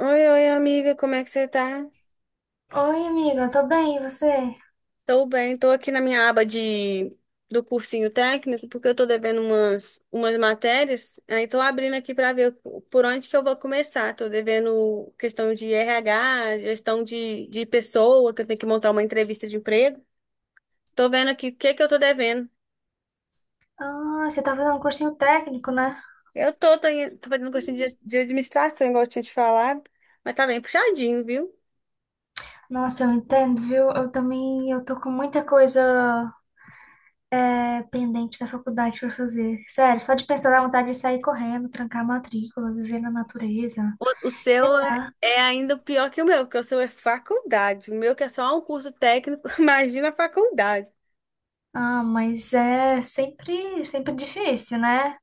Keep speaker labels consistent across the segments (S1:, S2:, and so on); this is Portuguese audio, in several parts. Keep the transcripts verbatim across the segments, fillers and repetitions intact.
S1: Oi, oi, amiga, como é que você tá?
S2: Oi, amiga, tô bem, e você?
S1: Tô bem, tô aqui na minha aba de do cursinho técnico, porque eu tô devendo umas, umas matérias, aí tô abrindo aqui pra ver por onde que eu vou começar. Tô devendo questão de R H, gestão de, de pessoa, que eu tenho que montar uma entrevista de emprego. Tô vendo aqui o que que eu tô devendo.
S2: Ah, você tá fazendo um cursinho técnico, né?
S1: Eu tô, tô, em- tô fazendo cursinho de, de administração, igual eu tinha te falado, mas tá bem puxadinho, viu?
S2: Nossa, eu entendo, viu? Eu também, eu tô com muita coisa é, pendente da faculdade pra fazer. Sério, só de pensar dá vontade de sair correndo, trancar a matrícula, viver na natureza.
S1: O, o
S2: Sei
S1: seu é,
S2: lá.
S1: é ainda pior que o meu, porque o seu é faculdade. O meu que é só um curso técnico, imagina a faculdade.
S2: Ah, mas é sempre, sempre difícil, né?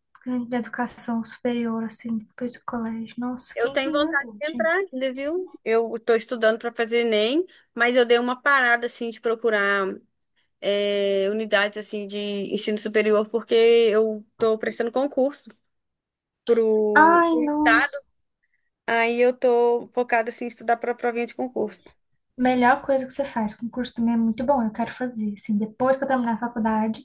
S2: Da educação superior, assim, depois do colégio. Nossa,
S1: Eu
S2: quem que
S1: tenho vontade
S2: inventou,
S1: de
S2: gente?
S1: entrar ainda, viu? Eu estou estudando para fazer Enem, mas eu dei uma parada, assim, de procurar é, unidades, assim, de ensino superior, porque eu estou prestando concurso pro
S2: Ai,
S1: o estado.
S2: nossa.
S1: Aí eu estou focada, assim, em estudar para a provinha de concurso.
S2: Melhor coisa que você faz, concurso também é muito bom, eu quero fazer, assim, depois que eu terminar a faculdade,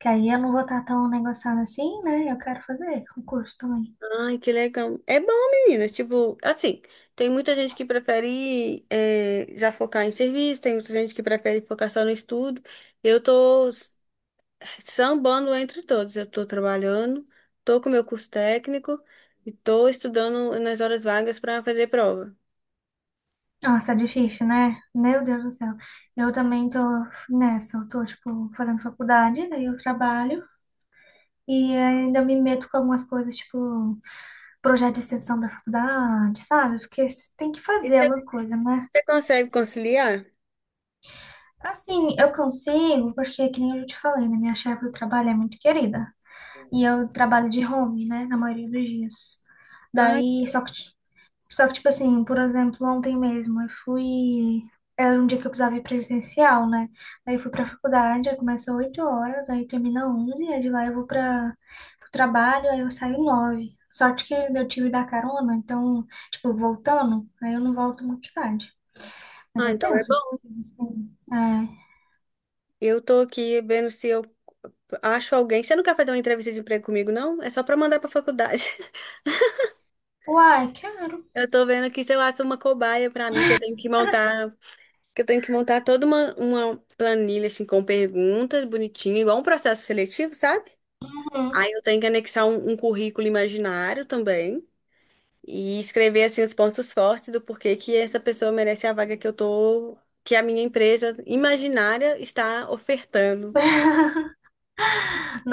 S2: que aí eu não vou estar tão negociando assim, né? Eu quero fazer concurso também.
S1: Ai, que legal. É bom, meninas. Tipo, assim, tem muita gente que prefere eh, já focar em serviço, tem muita gente que prefere focar só no estudo. Eu tô s- Sambando entre todos. Eu tô trabalhando, tô com meu curso técnico e tô estudando nas horas vagas para fazer prova.
S2: Nossa, é difícil, né? Meu Deus do céu. Eu também tô nessa, eu tô, tipo, fazendo faculdade, daí eu trabalho e ainda me meto com algumas coisas, tipo, projeto de extensão da faculdade, sabe? Porque você tem que
S1: E
S2: fazer
S1: você
S2: alguma coisa, né?
S1: você consegue conciliar?
S2: Assim, eu consigo, porque, que nem eu já te falei, né? Minha chefe do trabalho é muito querida. E eu trabalho de home, né, na maioria dos dias.
S1: Ai,
S2: Daí, só que, ti- só que, tipo assim, por exemplo, ontem mesmo eu fui. Era um dia que eu precisava ir presencial, né? Daí eu fui pra faculdade, aí começa oito horas, aí termina onze, aí de lá eu vou pra, pro trabalho, aí eu saio nove. Sorte que eu tive da carona, então, tipo, voltando, aí eu não volto muito tarde. Mas
S1: ah,
S2: é
S1: então é
S2: tenso,
S1: bom.
S2: assim. É.
S1: Eu tô aqui vendo se eu acho alguém. Você não quer fazer uma entrevista de emprego comigo, não? É só para mandar para faculdade.
S2: Uai, quero.
S1: Eu tô vendo aqui se eu acho uma cobaia pra mim, que eu tenho que montar, que eu tenho que montar toda uma, uma planilha assim com perguntas bonitinha, igual um processo seletivo, sabe?
S2: Uhum.
S1: Aí eu tenho que anexar um, um currículo imaginário também e escrever assim os pontos fortes do porquê que essa pessoa merece a vaga que eu tô, que a minha empresa imaginária está ofertando.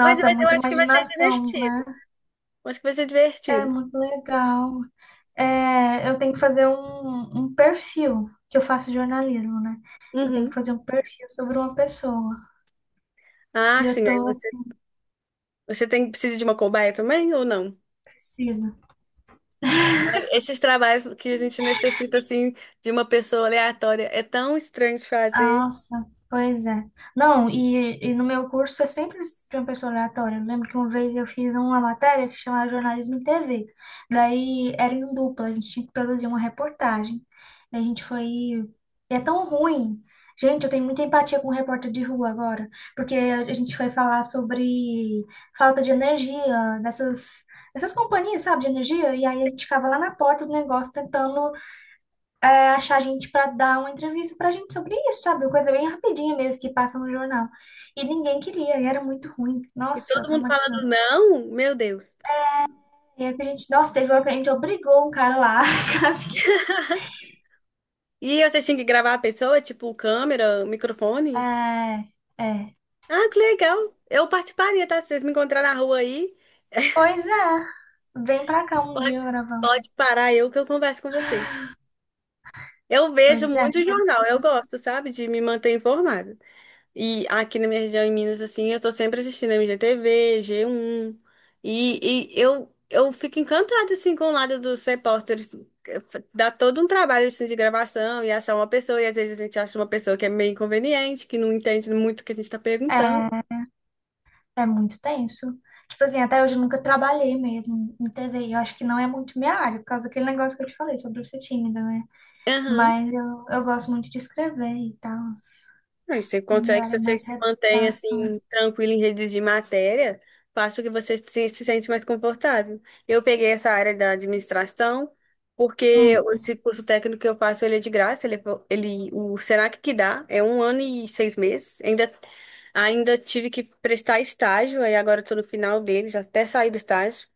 S1: Mas
S2: é
S1: vai- eu
S2: muita
S1: acho que vai ser
S2: imaginação,
S1: divertido.
S2: né?
S1: Eu acho que vai ser
S2: É
S1: divertido.
S2: muito legal. É, eu tenho que fazer um, um perfil, que eu faço jornalismo, né? Eu tenho que
S1: Uhum.
S2: fazer um perfil sobre uma pessoa.
S1: Ah,
S2: E eu
S1: sim, aí
S2: tô
S1: você,
S2: assim,
S1: você tem, precisa de uma cobaia também ou não?
S2: preciso.
S1: Esses trabalhos que a gente necessita, assim, de uma pessoa aleatória, é tão estranho de fazer.
S2: Nossa, pois é. Não, e, e no meu curso eu sempre de uma pessoa aleatória. Eu lembro que uma vez eu fiz uma matéria que chamava Jornalismo em T V. Daí era em dupla, a gente tinha que produzir uma reportagem. E a gente foi. E é tão ruim. Gente, eu tenho muita empatia com o repórter de rua agora, porque a a gente foi falar sobre falta de energia dessas, dessas companhias, sabe, de energia, e aí a gente ficava lá na porta do negócio tentando achar a gente para dar uma entrevista pra gente sobre isso, sabe? Uma coisa bem rapidinha mesmo que passa no jornal. E ninguém queria, e era muito ruim.
S1: E
S2: Nossa,
S1: todo mundo falando
S2: traumatizante.
S1: não, meu Deus.
S2: E aí que a gente, nossa, teve uma que a gente obrigou um cara lá, quase que.
S1: E você tinha que gravar a pessoa, tipo, câmera, microfone?
S2: É, é.
S1: Ah, que legal. Eu participaria, tá? Se vocês me encontrarem na rua aí,
S2: Pois é, vem pra cá um
S1: pode,
S2: dia gravando.
S1: pode parar eu que eu converso com vocês. Eu vejo
S2: Pois é,
S1: muito
S2: tem todo
S1: jornal,
S2: mundo
S1: eu
S2: assim.
S1: gosto, sabe, de me manter informada. E aqui na minha região em Minas, assim, eu tô sempre assistindo M G T V, G um. E, e eu, eu fico encantada, assim, com o lado dos repórteres. eh, fa- Dá todo um trabalho, assim, de gravação e achar uma pessoa. E às vezes a gente acha uma pessoa que é meio inconveniente, que não entende muito o que a gente tá perguntando.
S2: É, é muito tenso. Tipo assim, até hoje eu nunca trabalhei mesmo em T V. Eu acho que não é muito minha área, por causa daquele negócio que eu te falei sobre eu ser tímida, né? Mas eu, eu gosto muito de escrever e tal.
S1: Aí você
S2: A minha
S1: consegue,
S2: área é
S1: se você
S2: mais
S1: se mantém
S2: redação.
S1: assim, tranquilo em redes de matéria, faço que você se, se sente mais confortável. Eu peguei essa área da administração, porque
S2: Hum,
S1: esse curso técnico que eu faço, ele é de graça, ele, é fo- ele, o Senac que dá, é um ano e seis meses. Ainda, ainda tive que prestar estágio, aí agora eu tô no final dele, já até saí do estágio.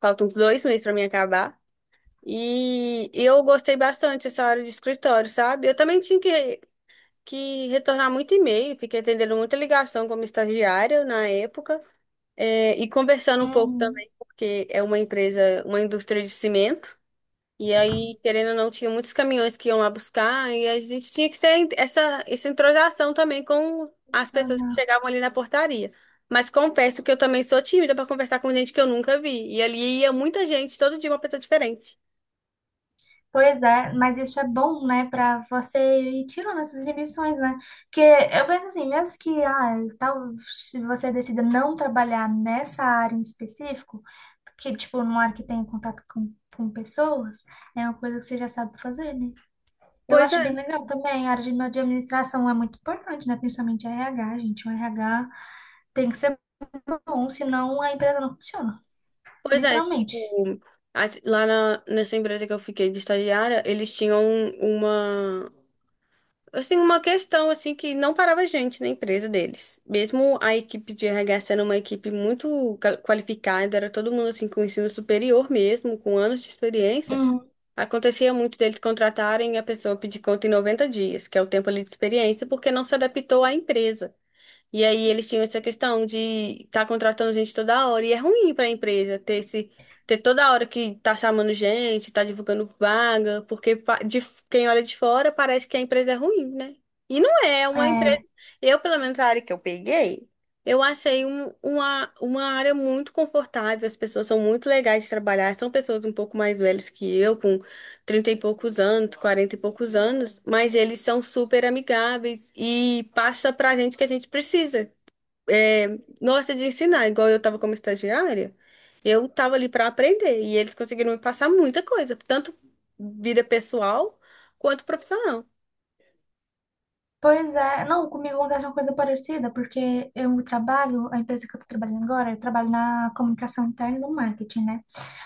S1: Faltam uns dois meses para mim acabar. E eu gostei bastante dessa área de escritório, sabe? Eu também tinha que que retornar muito e-mail, fiquei atendendo muita ligação como estagiária na época, é, e conversando um pouco
S2: uhum.
S1: também, porque é uma empresa, uma indústria de cimento, e aí, querendo ou não, tinha muitos caminhões que iam lá buscar, e a gente tinha que ter essa, essa entrosação também com as pessoas que
S2: Uhum.
S1: chegavam ali na portaria. Mas confesso que eu também sou tímida para conversar com gente que eu nunca vi, e ali ia muita gente, todo dia uma pessoa diferente.
S2: Pois é, mas isso é bom, né, para você ir tirando essas inibições, né? Porque eu penso assim, mesmo que ah, tal, se você decida não trabalhar nessa área em específico, que tipo, numa área que tenha contato com, com pessoas, é uma coisa que você já sabe fazer, né? Eu
S1: Pois
S2: acho
S1: é.
S2: bem legal também, a área de, de administração é muito importante, né? Principalmente R H, gente. O R H tem que ser bom, senão a empresa não funciona,
S1: Pois é,
S2: literalmente.
S1: tipo, as- lá na, nessa empresa que eu fiquei de estagiária, eles tinham uma, assim, uma questão, assim, que não parava gente na empresa deles. Mesmo a equipe de R H sendo uma equipe muito ca- qualificada, era todo mundo, assim, com ensino superior mesmo, com anos de experiência, acontecia muito deles contratarem e a pessoa pedir conta em noventa dias, que é o tempo ali de experiência, porque não se adaptou à empresa. E aí eles tinham essa questão de estar contratando gente toda hora. E é ruim para a empresa ter esse, ter toda hora que tá chamando gente, tá divulgando vaga, porque pa- de, f- quem olha de fora parece que a empresa é ruim, né? E não é é uma empresa.
S2: É,
S1: Eu, pelo menos a área que eu peguei, eu achei um- uma, uma área muito confortável. As pessoas são muito legais de trabalhar, são pessoas um pouco mais velhas que eu, trinta e poucos anos, quarenta e poucos anos, mas eles são super amigáveis e passa pra gente o que a gente precisa. É, gosta de ensinar, igual eu tava como estagiária, eu tava ali para aprender e eles conseguiram me passar muita coisa, tanto vida pessoal quanto profissional.
S2: pois é. Não, comigo acontece uma coisa parecida, porque eu trabalho, a empresa que eu tô trabalhando agora, eu trabalho na comunicação interna e no marketing, né?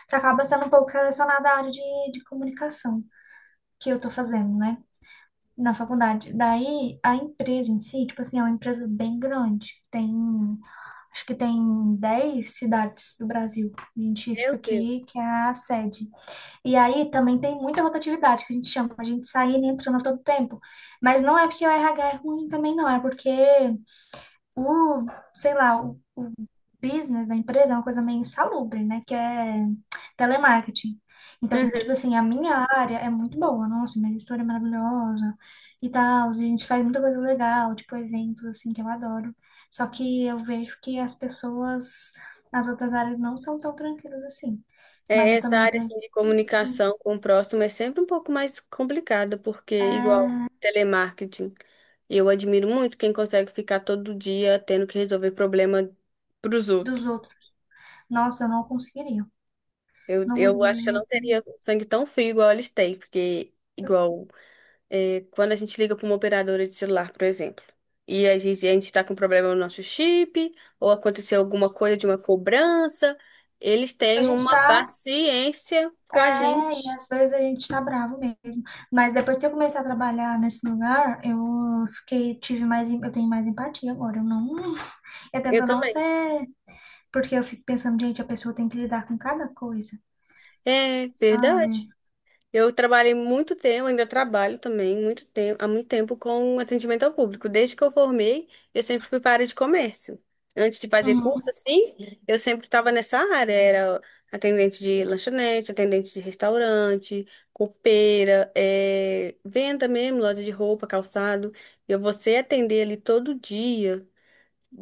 S2: Que acaba sendo um pouco relacionada à área de, de comunicação que eu tô fazendo, né? Na faculdade. Daí, a empresa em si, tipo assim, é uma empresa bem grande. Tem, acho que tem dez cidades do Brasil. A gente
S1: Meu
S2: fica
S1: Deus.
S2: aqui, que é a sede. E aí também tem muita rotatividade que a gente chama, a gente saindo e entrando a todo tempo. Mas não é porque o R H é ruim também, não, é porque o, sei lá, o, o business da empresa é uma coisa meio insalubre, né? Que é telemarketing. Então, tipo assim, a minha área é muito boa, nossa, minha gestora é maravilhosa e tal. A gente faz muita coisa legal, tipo eventos assim que eu adoro. Só que eu vejo que as pessoas nas outras áreas não são tão tranquilas assim. Mas
S1: É,
S2: eu
S1: essa
S2: também
S1: área assim,
S2: aprendi.
S1: de comunicação com o próximo é sempre um pouco mais complicada, porque,
S2: É,
S1: igual telemarketing, eu admiro muito quem consegue ficar todo dia tendo que resolver problema pros
S2: dos
S1: outros.
S2: outros. Nossa, eu não conseguiria.
S1: Eu,
S2: Não
S1: eu
S2: conseguiria
S1: acho que
S2: de
S1: eu não
S2: jeito nenhum.
S1: teria um sangue tão frio igual eles têm, porque, igual, é, quando a gente liga para uma operadora de celular, por exemplo, e a gente, a gente tá com problema no nosso chip, ou aconteceu alguma coisa de uma cobrança, eles
S2: A
S1: têm
S2: gente
S1: uma
S2: tá,
S1: paciência com a
S2: é, e
S1: gente.
S2: às vezes a gente tá bravo mesmo. Mas depois que eu comecei a trabalhar nesse lugar, eu fiquei, tive mais, em- eu tenho mais empatia agora. Eu não, eu
S1: Eu
S2: tento não
S1: também.
S2: ser, porque eu fico pensando, gente, a pessoa tem que lidar com cada coisa,
S1: É verdade.
S2: sabe?
S1: Eu trabalhei muito tempo, ainda trabalho também, muito tempo, há muito tempo com atendimento ao público. Desde que eu formei, eu sempre fui para a área de comércio. Antes de fazer curso,
S2: Uhum.
S1: assim, eu sempre estava nessa área. Era atendente de lanchonete, atendente de restaurante, copeira, eh, venda mesmo, loja de roupa, calçado. E você atender ali todo dia.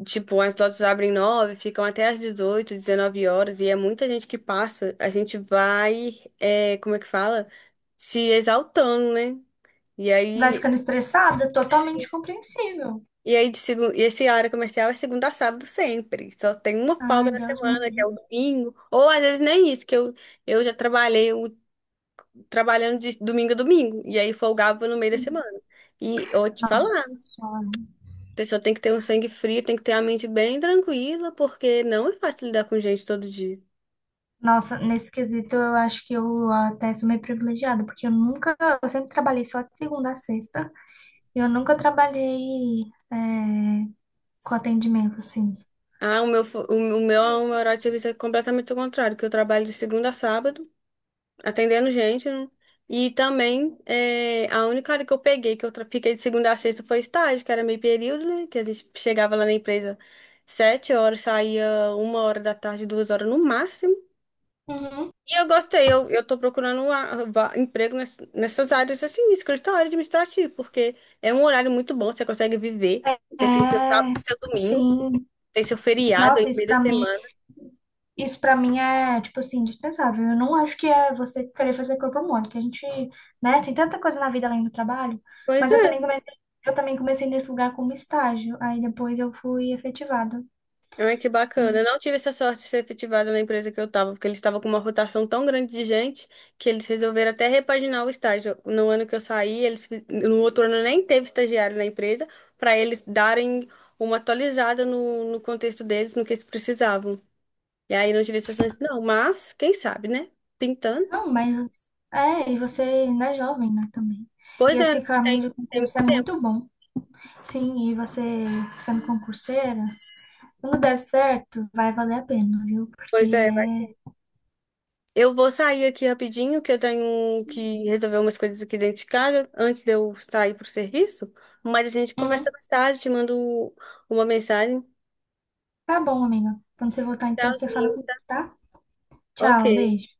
S1: Tipo, as lojas abrem nove, ficam até às dezoito, dezenove horas, e é muita gente que passa. A gente vai, é, como é que fala? Se exaltando, né? E
S2: Vai
S1: aí,
S2: ficando estressada, totalmente compreensível.
S1: e aí de segun- e esse área comercial é segunda a sábado sempre. Só tem uma folga
S2: Ai,
S1: na
S2: Deus me
S1: semana, que é o
S2: livre.
S1: domingo. Ou às vezes nem isso, que eu, eu já trabalhei o- trabalhando de domingo a domingo. E aí folgava no meio da semana. E eu vou te falar, a
S2: Nossa Senhora.
S1: pessoa tem que ter um sangue frio, tem que ter a mente bem tranquila, porque não é fácil lidar com gente todo dia.
S2: Nossa, nesse quesito eu acho que eu até sou meio privilegiada, porque eu nunca, eu sempre trabalhei só de segunda a sexta, e eu nunca trabalhei é, com atendimento, assim.
S1: Ah, o meu, fo- o meu, o meu horário de serviço é completamente o contrário, que eu trabalho de segunda a sábado, atendendo gente, né? E também, é, a única hora que eu peguei, que eu tra- fiquei de segunda a sexta, foi estágio, que era meio período, né? Que a gente chegava lá na empresa sete horas, saía uma hora da tarde, duas horas no máximo.
S2: Uhum.
S1: E eu gostei, eu, eu tô procurando um a- va- emprego ness- nessas áreas, assim, escritório administrativo, porque é um horário muito bom, você consegue viver, você tem seu sábado,
S2: É,
S1: seu domingo,
S2: sim,
S1: tem seu feriado aí
S2: nossa,
S1: no
S2: isso
S1: meio da
S2: pra mim,
S1: semana.
S2: isso para mim é, tipo assim, indispensável. Eu não acho que é você querer fazer corpo mole, que a gente, né, tem tanta coisa na vida além do trabalho,
S1: Pois
S2: mas eu
S1: é.
S2: também comecei, eu também comecei nesse lugar como estágio, aí depois eu fui efetivada.
S1: Ai, que bacana. Eu não tive essa sorte de ser efetivada na empresa que eu estava, porque eles estavam com uma rotação tão grande de gente que eles resolveram até repaginar o estágio. No ano que eu saí, eles fi- no outro ano nem teve estagiário na empresa para eles darem uma atualizada no, no contexto deles, no que eles precisavam. E aí não tive essa chance, não, mas quem sabe, né? Pintando.
S2: Não, mas é, e você ainda é jovem, né, também. E
S1: Pois é,
S2: esse
S1: tem,
S2: caminho de
S1: tem
S2: concurso
S1: muito
S2: é
S1: tempo.
S2: muito bom. Sim, e você sendo concurseira, quando der certo, vai valer a pena, viu? Porque
S1: Pois é, vai. Eu vou sair aqui rapidinho, que eu tenho que resolver umas coisas aqui dentro de casa antes de eu sair pro serviço. Mas a gente
S2: é.
S1: conversa
S2: Uhum.
S1: mais tarde, te mando uma mensagem.
S2: Tá bom, amiga. Quando você voltar, então, você fala comigo,
S1: Tchauzinho.
S2: tá?
S1: Ok.
S2: Tchau, beijo.